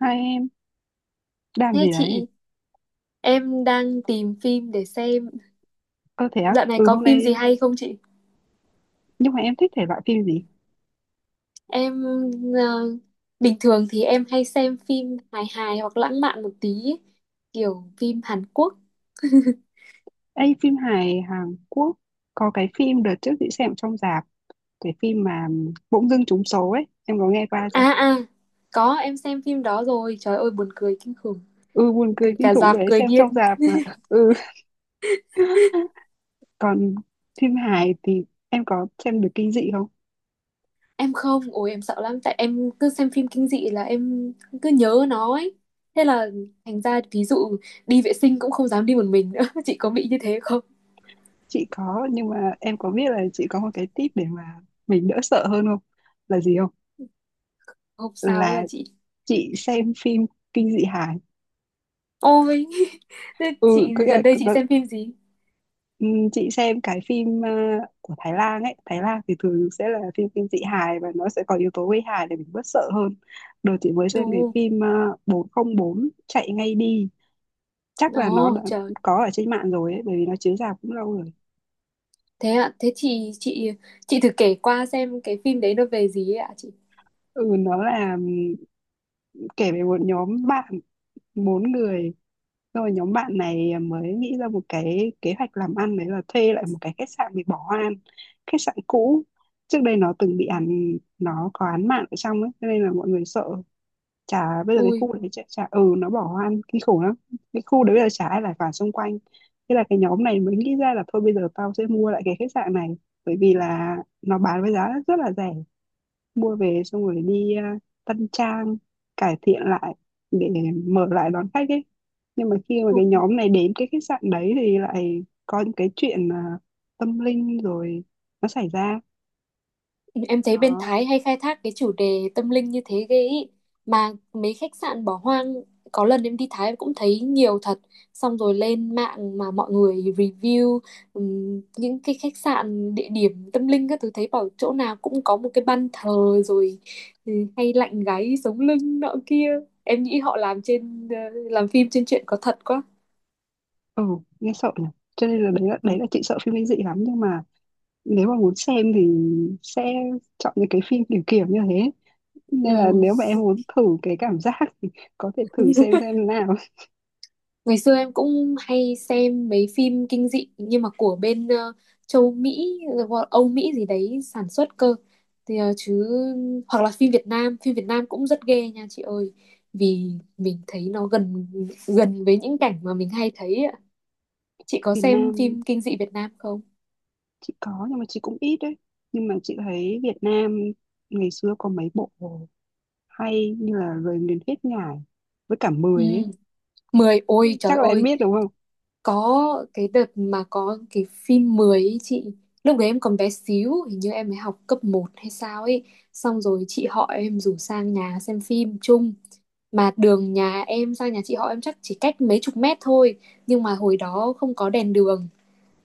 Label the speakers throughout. Speaker 1: Hai em làm
Speaker 2: Thế
Speaker 1: gì đấy?
Speaker 2: chị, em đang tìm phim để xem.
Speaker 1: Ơ thế á?
Speaker 2: Dạo này
Speaker 1: Ừ
Speaker 2: có
Speaker 1: hôm
Speaker 2: phim gì
Speaker 1: nay
Speaker 2: hay không chị?
Speaker 1: nhưng mà em thích thể loại phim gì?
Speaker 2: Em ờ, bình thường thì em hay xem phim hài hài hoặc lãng mạn một tí, ấy, kiểu phim Hàn Quốc.
Speaker 1: Ê phim hài Hàn Quốc, có cái phim đợt trước chị xem trong rạp, cái phim mà bỗng dưng trúng số ấy, em có nghe qua chưa?
Speaker 2: À à, có em xem phim đó rồi. Trời ơi buồn cười kinh khủng,
Speaker 1: Ừ, buồn cười
Speaker 2: cứ
Speaker 1: kinh
Speaker 2: cả
Speaker 1: khủng
Speaker 2: rạp
Speaker 1: rồi đấy,
Speaker 2: cười
Speaker 1: xem trong
Speaker 2: điên.
Speaker 1: rạp mà ừ còn phim hài thì em có xem được kinh dị không?
Speaker 2: Em không, ôi em sợ lắm tại em cứ xem phim kinh dị là em cứ nhớ nó ấy. Thế là thành ra ví dụ đi vệ sinh cũng không dám đi một mình nữa. Chị có bị như thế không?
Speaker 1: Chị có, nhưng mà em có biết là chị có một cái tip để mà mình đỡ sợ hơn không? Là gì không?
Speaker 2: Không sao ấy à
Speaker 1: Là
Speaker 2: chị.
Speaker 1: chị xem phim kinh dị hài.
Speaker 2: Ôi, thế
Speaker 1: ừ
Speaker 2: chị
Speaker 1: có nghĩa
Speaker 2: gần đây chị
Speaker 1: là,
Speaker 2: xem phim gì?
Speaker 1: ừ, chị xem cái phim của Thái Lan ấy. Thái Lan thì thường sẽ là phim kinh dị hài và nó sẽ có yếu tố gây hài để mình bớt sợ hơn. Đợt chị mới xem cái
Speaker 2: Ồ,
Speaker 1: phim 404 chạy ngay đi, chắc là nó
Speaker 2: ồ,
Speaker 1: đã
Speaker 2: trời.
Speaker 1: có ở trên mạng rồi ấy, bởi vì nó chiếu rạp cũng lâu rồi.
Speaker 2: Thế ạ, thế chị thử kể qua xem cái phim đấy nó về gì ấy ạ chị?
Speaker 1: Ừ nó là, kể về một nhóm bạn bốn người. Rồi nhóm bạn này mới nghĩ ra một cái kế hoạch làm ăn, đấy là thuê lại một cái khách sạn bị bỏ hoang, khách sạn cũ. Trước đây nó từng bị án, nó có án mạng ở trong ấy, cho nên là mọi người sợ. Chả bây giờ cái
Speaker 2: Ui,
Speaker 1: khu đấy chả ừ nó bỏ hoang kinh khủng lắm. Cái khu đấy bây giờ chả ai lại vào xung quanh. Thế là cái nhóm này mới nghĩ ra là thôi bây giờ tao sẽ mua lại cái khách sạn này, bởi vì là nó bán với giá rất là rẻ, mua về xong rồi đi tân trang, cải thiện lại để mở lại đón khách ấy. Nhưng mà khi mà cái nhóm này đến cái khách sạn đấy thì lại có những cái chuyện tâm linh rồi nó xảy ra
Speaker 2: em thấy bên
Speaker 1: đó.
Speaker 2: Thái hay khai thác cái chủ đề tâm linh như thế ghê ý. Mà mấy khách sạn bỏ hoang, có lần em đi Thái cũng thấy nhiều thật. Xong rồi lên mạng mà mọi người review những cái khách sạn, địa điểm tâm linh các thứ thấy bảo chỗ nào cũng có một cái ban thờ rồi ừ, hay lạnh gáy sống lưng nọ kia. Em nghĩ họ làm phim trên chuyện có thật quá.
Speaker 1: Ừ, nghe sợ nhỉ. Cho nên là đấy là đấy
Speaker 2: Ừ.
Speaker 1: là chị sợ phim kinh dị lắm, nhưng mà nếu mà muốn xem thì sẽ chọn những cái phim kiểu kiểu như thế, nên là
Speaker 2: Ừ.
Speaker 1: nếu mà em muốn thử cái cảm giác thì có thể thử xem nào.
Speaker 2: Ngày xưa em cũng hay xem mấy phim kinh dị nhưng mà của bên châu Mỹ, Âu Mỹ gì đấy sản xuất cơ. Thì chứ hoặc là phim Việt Nam cũng rất ghê nha chị ơi. Vì mình thấy nó gần gần với những cảnh mà mình hay thấy ạ. Chị có
Speaker 1: Việt
Speaker 2: xem
Speaker 1: Nam
Speaker 2: phim kinh dị Việt Nam không?
Speaker 1: chị có nhưng mà chị cũng ít đấy, nhưng mà chị thấy Việt Nam ngày xưa có mấy bộ hay như là Lời Nguyền Hết Ngài với cả
Speaker 2: Ừ,
Speaker 1: Mười ấy,
Speaker 2: 10 ôi trời
Speaker 1: chắc là em
Speaker 2: ơi,
Speaker 1: biết đúng không.
Speaker 2: có cái đợt mà có cái phim 10 ấy chị. Lúc đấy em còn bé xíu. Hình như em mới học cấp một hay sao ấy. Xong rồi chị họ em rủ sang nhà xem phim chung. Mà đường nhà em sang nhà chị họ em chắc chỉ cách mấy chục mét thôi. Nhưng mà hồi đó không có đèn đường.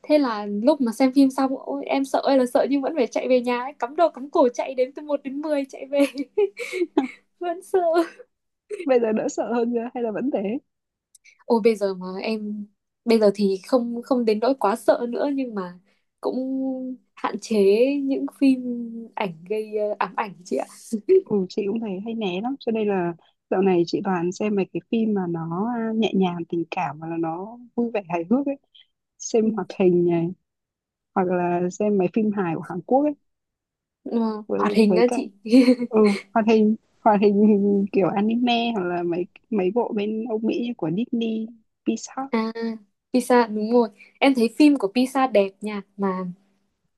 Speaker 2: Thế là lúc mà xem phim xong ôi, em sợ ơi là sợ nhưng vẫn phải chạy về nhà ấy. Cắm đầu cắm cổ chạy đến từ một đến 10 chạy về. Vẫn sợ.
Speaker 1: Bây giờ đỡ sợ hơn chưa hay là vẫn thế?
Speaker 2: Ôi bây giờ mà em bây giờ thì không không đến nỗi quá sợ nữa nhưng mà cũng hạn chế những phim ảnh gây ám ảnh chị ạ.
Speaker 1: Ừ, chị cũng thấy hay né lắm, cho nên là dạo này chị toàn xem mấy cái phim mà nó nhẹ nhàng tình cảm và là nó vui vẻ hài hước ấy. Xem
Speaker 2: Ừ.
Speaker 1: hoạt hình này, hoặc là xem mấy phim hài của Hàn Quốc ấy,
Speaker 2: Ờ,
Speaker 1: với
Speaker 2: hoạt hình
Speaker 1: với
Speaker 2: á
Speaker 1: cả
Speaker 2: chị.
Speaker 1: ừ hoạt hình, hoạt hình hình kiểu anime, hoặc là mấy mấy bộ bên Âu Mỹ như của Disney, Pixar.
Speaker 2: À, Pisa đúng rồi. Em thấy phim của Pisa đẹp nha mà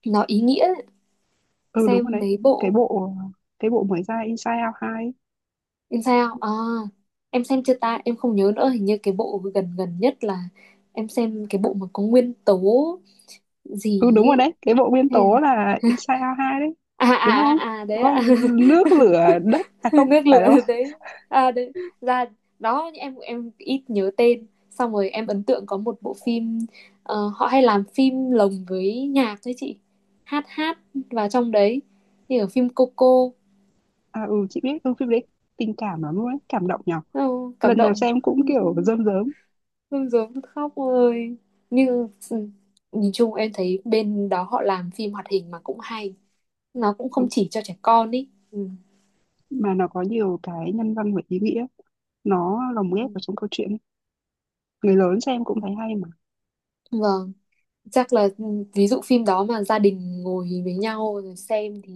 Speaker 2: nó ý nghĩa,
Speaker 1: Ừ đúng rồi
Speaker 2: xem
Speaker 1: đấy,
Speaker 2: mấy
Speaker 1: cái
Speaker 2: bộ.
Speaker 1: bộ cái bộ mới ra Inside Out 2 ấy.
Speaker 2: Em sao? À em xem chưa ta? Em không nhớ nữa, hình như cái bộ gần gần nhất là em xem cái bộ mà có nguyên tố
Speaker 1: Ừ
Speaker 2: gì
Speaker 1: đúng rồi
Speaker 2: ấy.
Speaker 1: đấy, cái bộ nguyên
Speaker 2: Hay
Speaker 1: tố
Speaker 2: là-
Speaker 1: là Inside Out 2 đấy,
Speaker 2: À à
Speaker 1: đúng
Speaker 2: à,
Speaker 1: không,
Speaker 2: à,
Speaker 1: đúng
Speaker 2: đấy ạ.
Speaker 1: không? Nước lửa đất, à không
Speaker 2: Nước
Speaker 1: phải
Speaker 2: lửa
Speaker 1: đâu.
Speaker 2: đấy, à đấy, ra đó. Em ít nhớ tên, xong rồi em ấn tượng có một bộ phim, họ hay làm phim lồng với nhạc đấy chị, hát hát vào trong đấy, như ở phim Coco.
Speaker 1: À ừ chị biết, ừ phim đấy tình cảm lắm luôn ấy, cảm động nhở.
Speaker 2: Ồ, cảm
Speaker 1: Lần nào
Speaker 2: động.
Speaker 1: xem cũng kiểu rơm rớm.
Speaker 2: Rưng rưng khóc ơi, như ừ, nhìn chung em thấy bên đó họ làm phim hoạt hình mà cũng hay, nó cũng không
Speaker 1: Đúng,
Speaker 2: chỉ cho trẻ con ý ừ.
Speaker 1: mà nó có nhiều cái nhân văn và ý nghĩa, nó lồng
Speaker 2: Ừ,
Speaker 1: ghép vào trong câu chuyện ấy. Người lớn xem
Speaker 2: ừ.
Speaker 1: cũng thấy hay.
Speaker 2: Ừ. Vâng, chắc là ừ, ví dụ phim đó mà gia đình ngồi với nhau rồi xem thì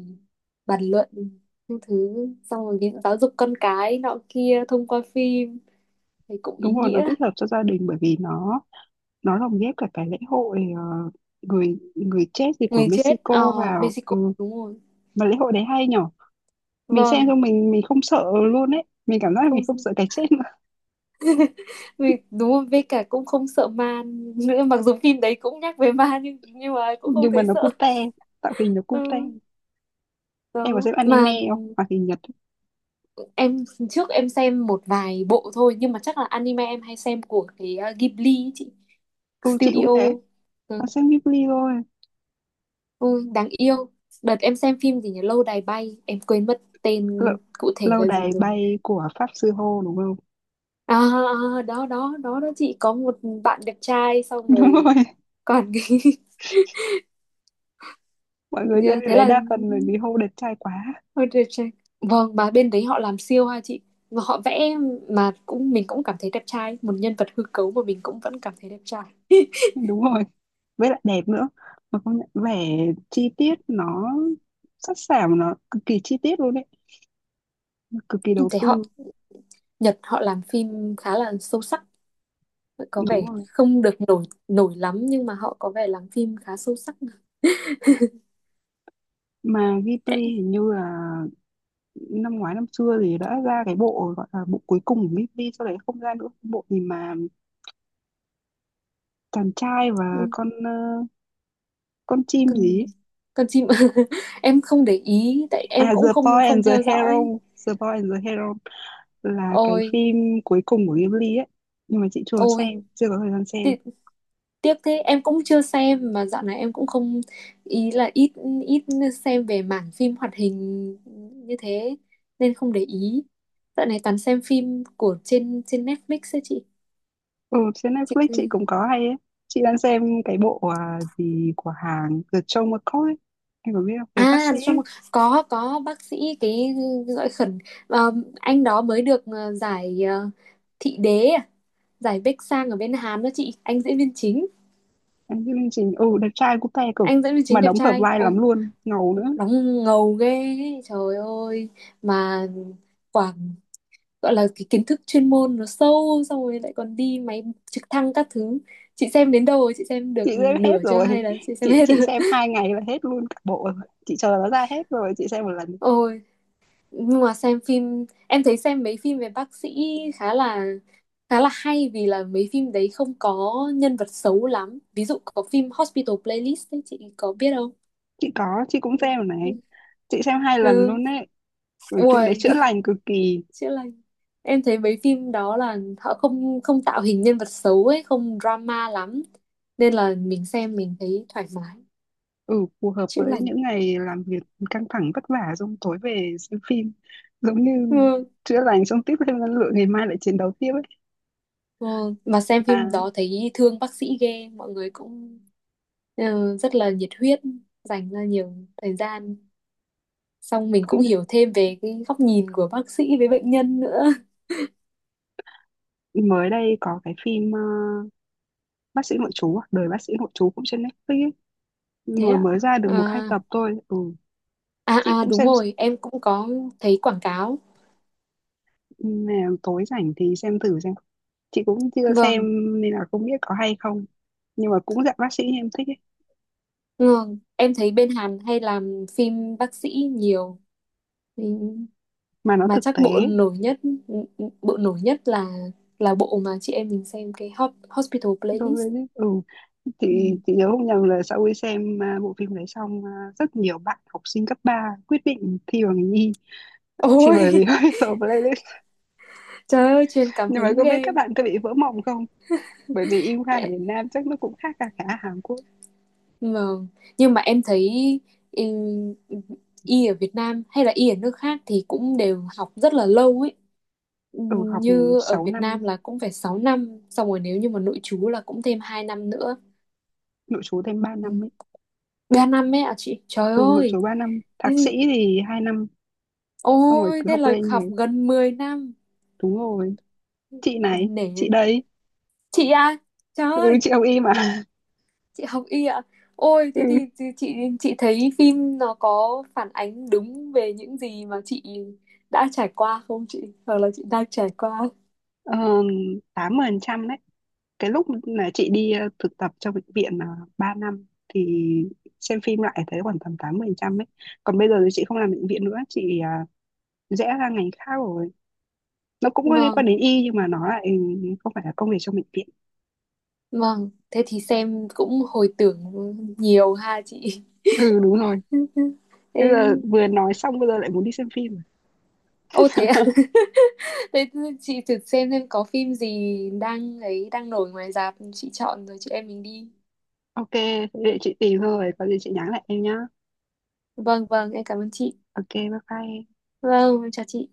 Speaker 2: bàn luận những thứ, xong rồi ví dụ giáo dục con cái nọ kia thông qua phim thì cũng ý
Speaker 1: Đúng rồi, nó
Speaker 2: nghĩa.
Speaker 1: tích hợp cho gia đình bởi vì nó lồng ghép cả cái lễ hội người người chết gì của
Speaker 2: Người chết
Speaker 1: Mexico
Speaker 2: ờ
Speaker 1: vào
Speaker 2: Mexico
Speaker 1: ừ.
Speaker 2: đúng rồi.
Speaker 1: Mà lễ hội đấy hay nhở. Mình xem
Speaker 2: Vâng.
Speaker 1: xong mình không sợ luôn ấy, mình cảm giác là mình
Speaker 2: Không,
Speaker 1: không sợ cái chết nữa.
Speaker 2: vì đúng rồi, với cả cũng không sợ ma nữa, mặc dù phim đấy cũng nhắc về ma nhưng mà cũng không
Speaker 1: Nhưng mà
Speaker 2: thấy
Speaker 1: nó
Speaker 2: sợ.
Speaker 1: cute, tạo hình nó
Speaker 2: Ừ,
Speaker 1: cute. Em có
Speaker 2: đó
Speaker 1: xem anime
Speaker 2: mà.
Speaker 1: không, hoạt hình Nhật?
Speaker 2: Em trước em xem một vài bộ thôi, nhưng mà chắc là anime em hay xem của cái Ghibli ấy chị,
Speaker 1: Ừ chị cũng
Speaker 2: studio.
Speaker 1: thế, có
Speaker 2: Ừ.
Speaker 1: xem Ghibli thôi.
Speaker 2: Ôi, đáng yêu. Đợt em xem phim gì nhỉ? Lâu đài bay. Em quên mất
Speaker 1: lâu,
Speaker 2: tên cụ thể
Speaker 1: Lâu
Speaker 2: là gì
Speaker 1: đài
Speaker 2: rồi.
Speaker 1: bay của Pháp sư Hô đúng không?
Speaker 2: À, à, đó, đó, đó, đó chị. Có một bạn đẹp trai xong
Speaker 1: Đúng rồi,
Speaker 2: rồi. Còn cái...
Speaker 1: mọi người xem
Speaker 2: như
Speaker 1: điều
Speaker 2: thế
Speaker 1: đấy
Speaker 2: là...
Speaker 1: đa phần bởi vì Hô đẹp trai quá.
Speaker 2: Ôi, đẹp trai. Vâng, mà bên đấy họ làm siêu ha chị. Mà họ vẽ mà cũng mình cũng cảm thấy đẹp trai. Một nhân vật hư cấu mà mình cũng vẫn cảm thấy đẹp trai.
Speaker 1: Đúng rồi, với lại đẹp nữa, mà công nhận vẻ chi tiết nó sắc sảo, nó cực kỳ chi tiết luôn đấy, cực kỳ
Speaker 2: Em
Speaker 1: đầu
Speaker 2: thấy họ,
Speaker 1: tư.
Speaker 2: Nhật họ làm phim khá là sâu sắc. Có
Speaker 1: Đúng
Speaker 2: vẻ
Speaker 1: rồi,
Speaker 2: không được nổi nổi lắm nhưng mà họ có vẻ làm phim khá sâu sắc.
Speaker 1: mà Ghibli
Speaker 2: Đấy.
Speaker 1: hình như là năm ngoái năm xưa thì đã ra cái bộ gọi là bộ cuối cùng của Ghibli, sau đấy không ra nữa, bộ gì mà chàng trai và con con chim gì
Speaker 2: con
Speaker 1: ấy.
Speaker 2: con chim. Em không để ý tại em
Speaker 1: À
Speaker 2: cũng
Speaker 1: The
Speaker 2: không
Speaker 1: Boy
Speaker 2: không
Speaker 1: and the
Speaker 2: theo dõi.
Speaker 1: Hero, The Boy and the Hero là cái
Speaker 2: ôi
Speaker 1: phim cuối cùng của Ghibli ấy, nhưng mà chị chưa
Speaker 2: ôi
Speaker 1: xem, chưa có thời gian xem.
Speaker 2: ti- tiếc thế, em cũng chưa xem mà dạo này em cũng không, ý là ít ít xem về mảng phim hoạt hình như thế nên không để ý, dạo này toàn xem phim của trên trên Netflix ấy chị.
Speaker 1: Ừ, trên
Speaker 2: chị
Speaker 1: Netflix chị cũng có hay ấy. Chị đang xem cái bộ gì của hàng The Joe McCoy ấy. Em có biết không? Về bác
Speaker 2: à
Speaker 1: sĩ
Speaker 2: trong
Speaker 1: ấy.
Speaker 2: có bác sĩ cái gọi khẩn ờ, anh đó mới được giải thị đế à? Giải Bách Sang ở bên Hàn đó chị, anh diễn viên chính.
Speaker 1: Em chương trình ừ đẹp trai cũng te cực,
Speaker 2: anh diễn viên
Speaker 1: mà
Speaker 2: chính đẹp
Speaker 1: đóng hợp
Speaker 2: trai,
Speaker 1: vai
Speaker 2: ô
Speaker 1: lắm luôn, ngầu nữa.
Speaker 2: đóng ngầu ghê ấy, trời ơi, mà quảng, gọi là cái kiến thức chuyên môn nó sâu xong rồi lại còn đi máy trực thăng các thứ. Chị xem đến đâu rồi, chị xem được
Speaker 1: Chị xem
Speaker 2: nửa
Speaker 1: hết
Speaker 2: chưa
Speaker 1: rồi.
Speaker 2: hay là chị xem
Speaker 1: chị
Speaker 2: hết
Speaker 1: chị
Speaker 2: rồi?
Speaker 1: xem 2 ngày là hết luôn cả bộ rồi. Chị chờ nó ra hết rồi chị xem một lần.
Speaker 2: Ôi, nhưng mà xem phim em thấy xem mấy phim về bác sĩ khá là khá là hay vì là mấy phim đấy không có nhân vật xấu lắm, ví dụ có phim Hospital Playlist ấy, chị có biết không?
Speaker 1: Chị có, chị cũng xem rồi này, chị xem 2 lần
Speaker 2: Ừ.
Speaker 1: luôn đấy, bởi phim đấy
Speaker 2: Ui,
Speaker 1: chữa lành cực kỳ.
Speaker 2: chữa lành. Em thấy mấy phim đó là họ không không tạo hình nhân vật xấu ấy, không drama lắm, nên là mình xem mình thấy thoải mái.
Speaker 1: Ừ phù hợp
Speaker 2: Chữa
Speaker 1: với
Speaker 2: lành.
Speaker 1: những ngày làm việc căng thẳng vất vả, xong tối về xem phim giống như
Speaker 2: Ừ.
Speaker 1: chữa lành, xong tiếp thêm năng lượng ngày mai lại chiến đấu tiếp ấy.
Speaker 2: Ừ. Mà xem phim
Speaker 1: Mà
Speaker 2: đó thấy thương bác sĩ ghê, mọi người cũng rất là nhiệt huyết, dành ra nhiều thời gian, xong mình cũng
Speaker 1: công nhận,
Speaker 2: hiểu thêm về cái góc nhìn của bác sĩ với bệnh nhân nữa.
Speaker 1: mới đây có cái phim bác sĩ nội trú à? Đời bác sĩ nội trú cũng trên Netflix ấy.
Speaker 2: Thế
Speaker 1: Vừa
Speaker 2: ạ.
Speaker 1: mới ra được một hai
Speaker 2: À,
Speaker 1: tập thôi ừ,
Speaker 2: à
Speaker 1: chị
Speaker 2: à
Speaker 1: cũng
Speaker 2: đúng
Speaker 1: xem
Speaker 2: rồi em cũng có thấy quảng cáo.
Speaker 1: nè, tối rảnh thì xem thử xem. Chị cũng chưa xem
Speaker 2: Vâng
Speaker 1: nên là không biết có hay không, nhưng mà cũng dạng bác sĩ em thích ấy,
Speaker 2: vâng, em thấy bên Hàn hay làm phim bác sĩ nhiều. Ừ,
Speaker 1: mà nó
Speaker 2: mà
Speaker 1: thực
Speaker 2: chắc bộ
Speaker 1: tế.
Speaker 2: nổi nhất bộ nổi nhất là bộ mà chị em mình xem cái Hot, Hospital
Speaker 1: Tôi mới
Speaker 2: Playlist.
Speaker 1: biết, ừ chị
Speaker 2: Ừ.
Speaker 1: chị nhớ không nhầm là sau khi xem bộ phim đấy xong rất nhiều bạn học sinh cấp 3 quyết định thi vào ngành y chỉ
Speaker 2: Ôi
Speaker 1: bởi vì hơi vào playlist.
Speaker 2: trời ơi, truyền cảm
Speaker 1: Nhưng mà
Speaker 2: hứng
Speaker 1: có biết
Speaker 2: ghê.
Speaker 1: các bạn có bị vỡ mộng không, bởi vì y khoa ở Việt Nam chắc nó cũng khác cả cả Hàn Quốc.
Speaker 2: Nhưng mà nhưng mà em thấy ừ, y ở Việt Nam hay là y ở nước khác thì cũng đều học rất là lâu ấy,
Speaker 1: Ừ học
Speaker 2: như ở
Speaker 1: sáu
Speaker 2: Việt
Speaker 1: năm
Speaker 2: Nam là cũng phải 6 năm xong rồi nếu như mà nội trú là cũng thêm 2 năm nữa.
Speaker 1: nội trú thêm 3
Speaker 2: Ừ.
Speaker 1: năm ấy.
Speaker 2: 3 năm ấy ạ chị, trời
Speaker 1: Ừ nội
Speaker 2: ơi
Speaker 1: trú 3 năm, thạc
Speaker 2: thế
Speaker 1: sĩ
Speaker 2: gì,
Speaker 1: thì 2 năm, xong rồi
Speaker 2: ôi
Speaker 1: cứ
Speaker 2: thế
Speaker 1: học
Speaker 2: là
Speaker 1: lên
Speaker 2: học
Speaker 1: này.
Speaker 2: gần 10 năm.
Speaker 1: Đúng rồi, chị này chị
Speaker 2: Để
Speaker 1: đấy,
Speaker 2: chị à, trời
Speaker 1: ừ
Speaker 2: ơi,
Speaker 1: chị học y mà.
Speaker 2: chị học y ạ? Ôi thế
Speaker 1: Ừ.
Speaker 2: thì chị, chị thấy phim nó có phản ánh đúng về những gì mà chị đã trải qua không chị, hoặc là chị đang trải qua?
Speaker 1: Ờ, 80% đấy. Cái lúc là chị đi thực tập trong bệnh viện là 3 năm thì xem phim lại thấy khoảng tầm 80% ấy. Còn bây giờ thì chị không làm bệnh viện nữa, chị rẽ ra ngành khác rồi. Nó cũng có liên quan
Speaker 2: Vâng.
Speaker 1: đến y nhưng mà nó lại không phải là công việc trong bệnh viện.
Speaker 2: Vâng, thế thì xem cũng hồi tưởng nhiều ha chị.
Speaker 1: Ừ đúng rồi.
Speaker 2: Ê,
Speaker 1: Bây giờ vừa nói xong bây giờ lại muốn đi xem phim rồi.
Speaker 2: ô thế à? Thế chị thử xem có phim gì đang ấy đang nổi ngoài rạp, chị chọn rồi chị em mình đi.
Speaker 1: Ok, thế để chị tìm thôi, có gì chị nhắn lại em nhá.
Speaker 2: Vâng vâng, em cảm ơn chị.
Speaker 1: Ok, bye bye em.
Speaker 2: Vâng em chào chị.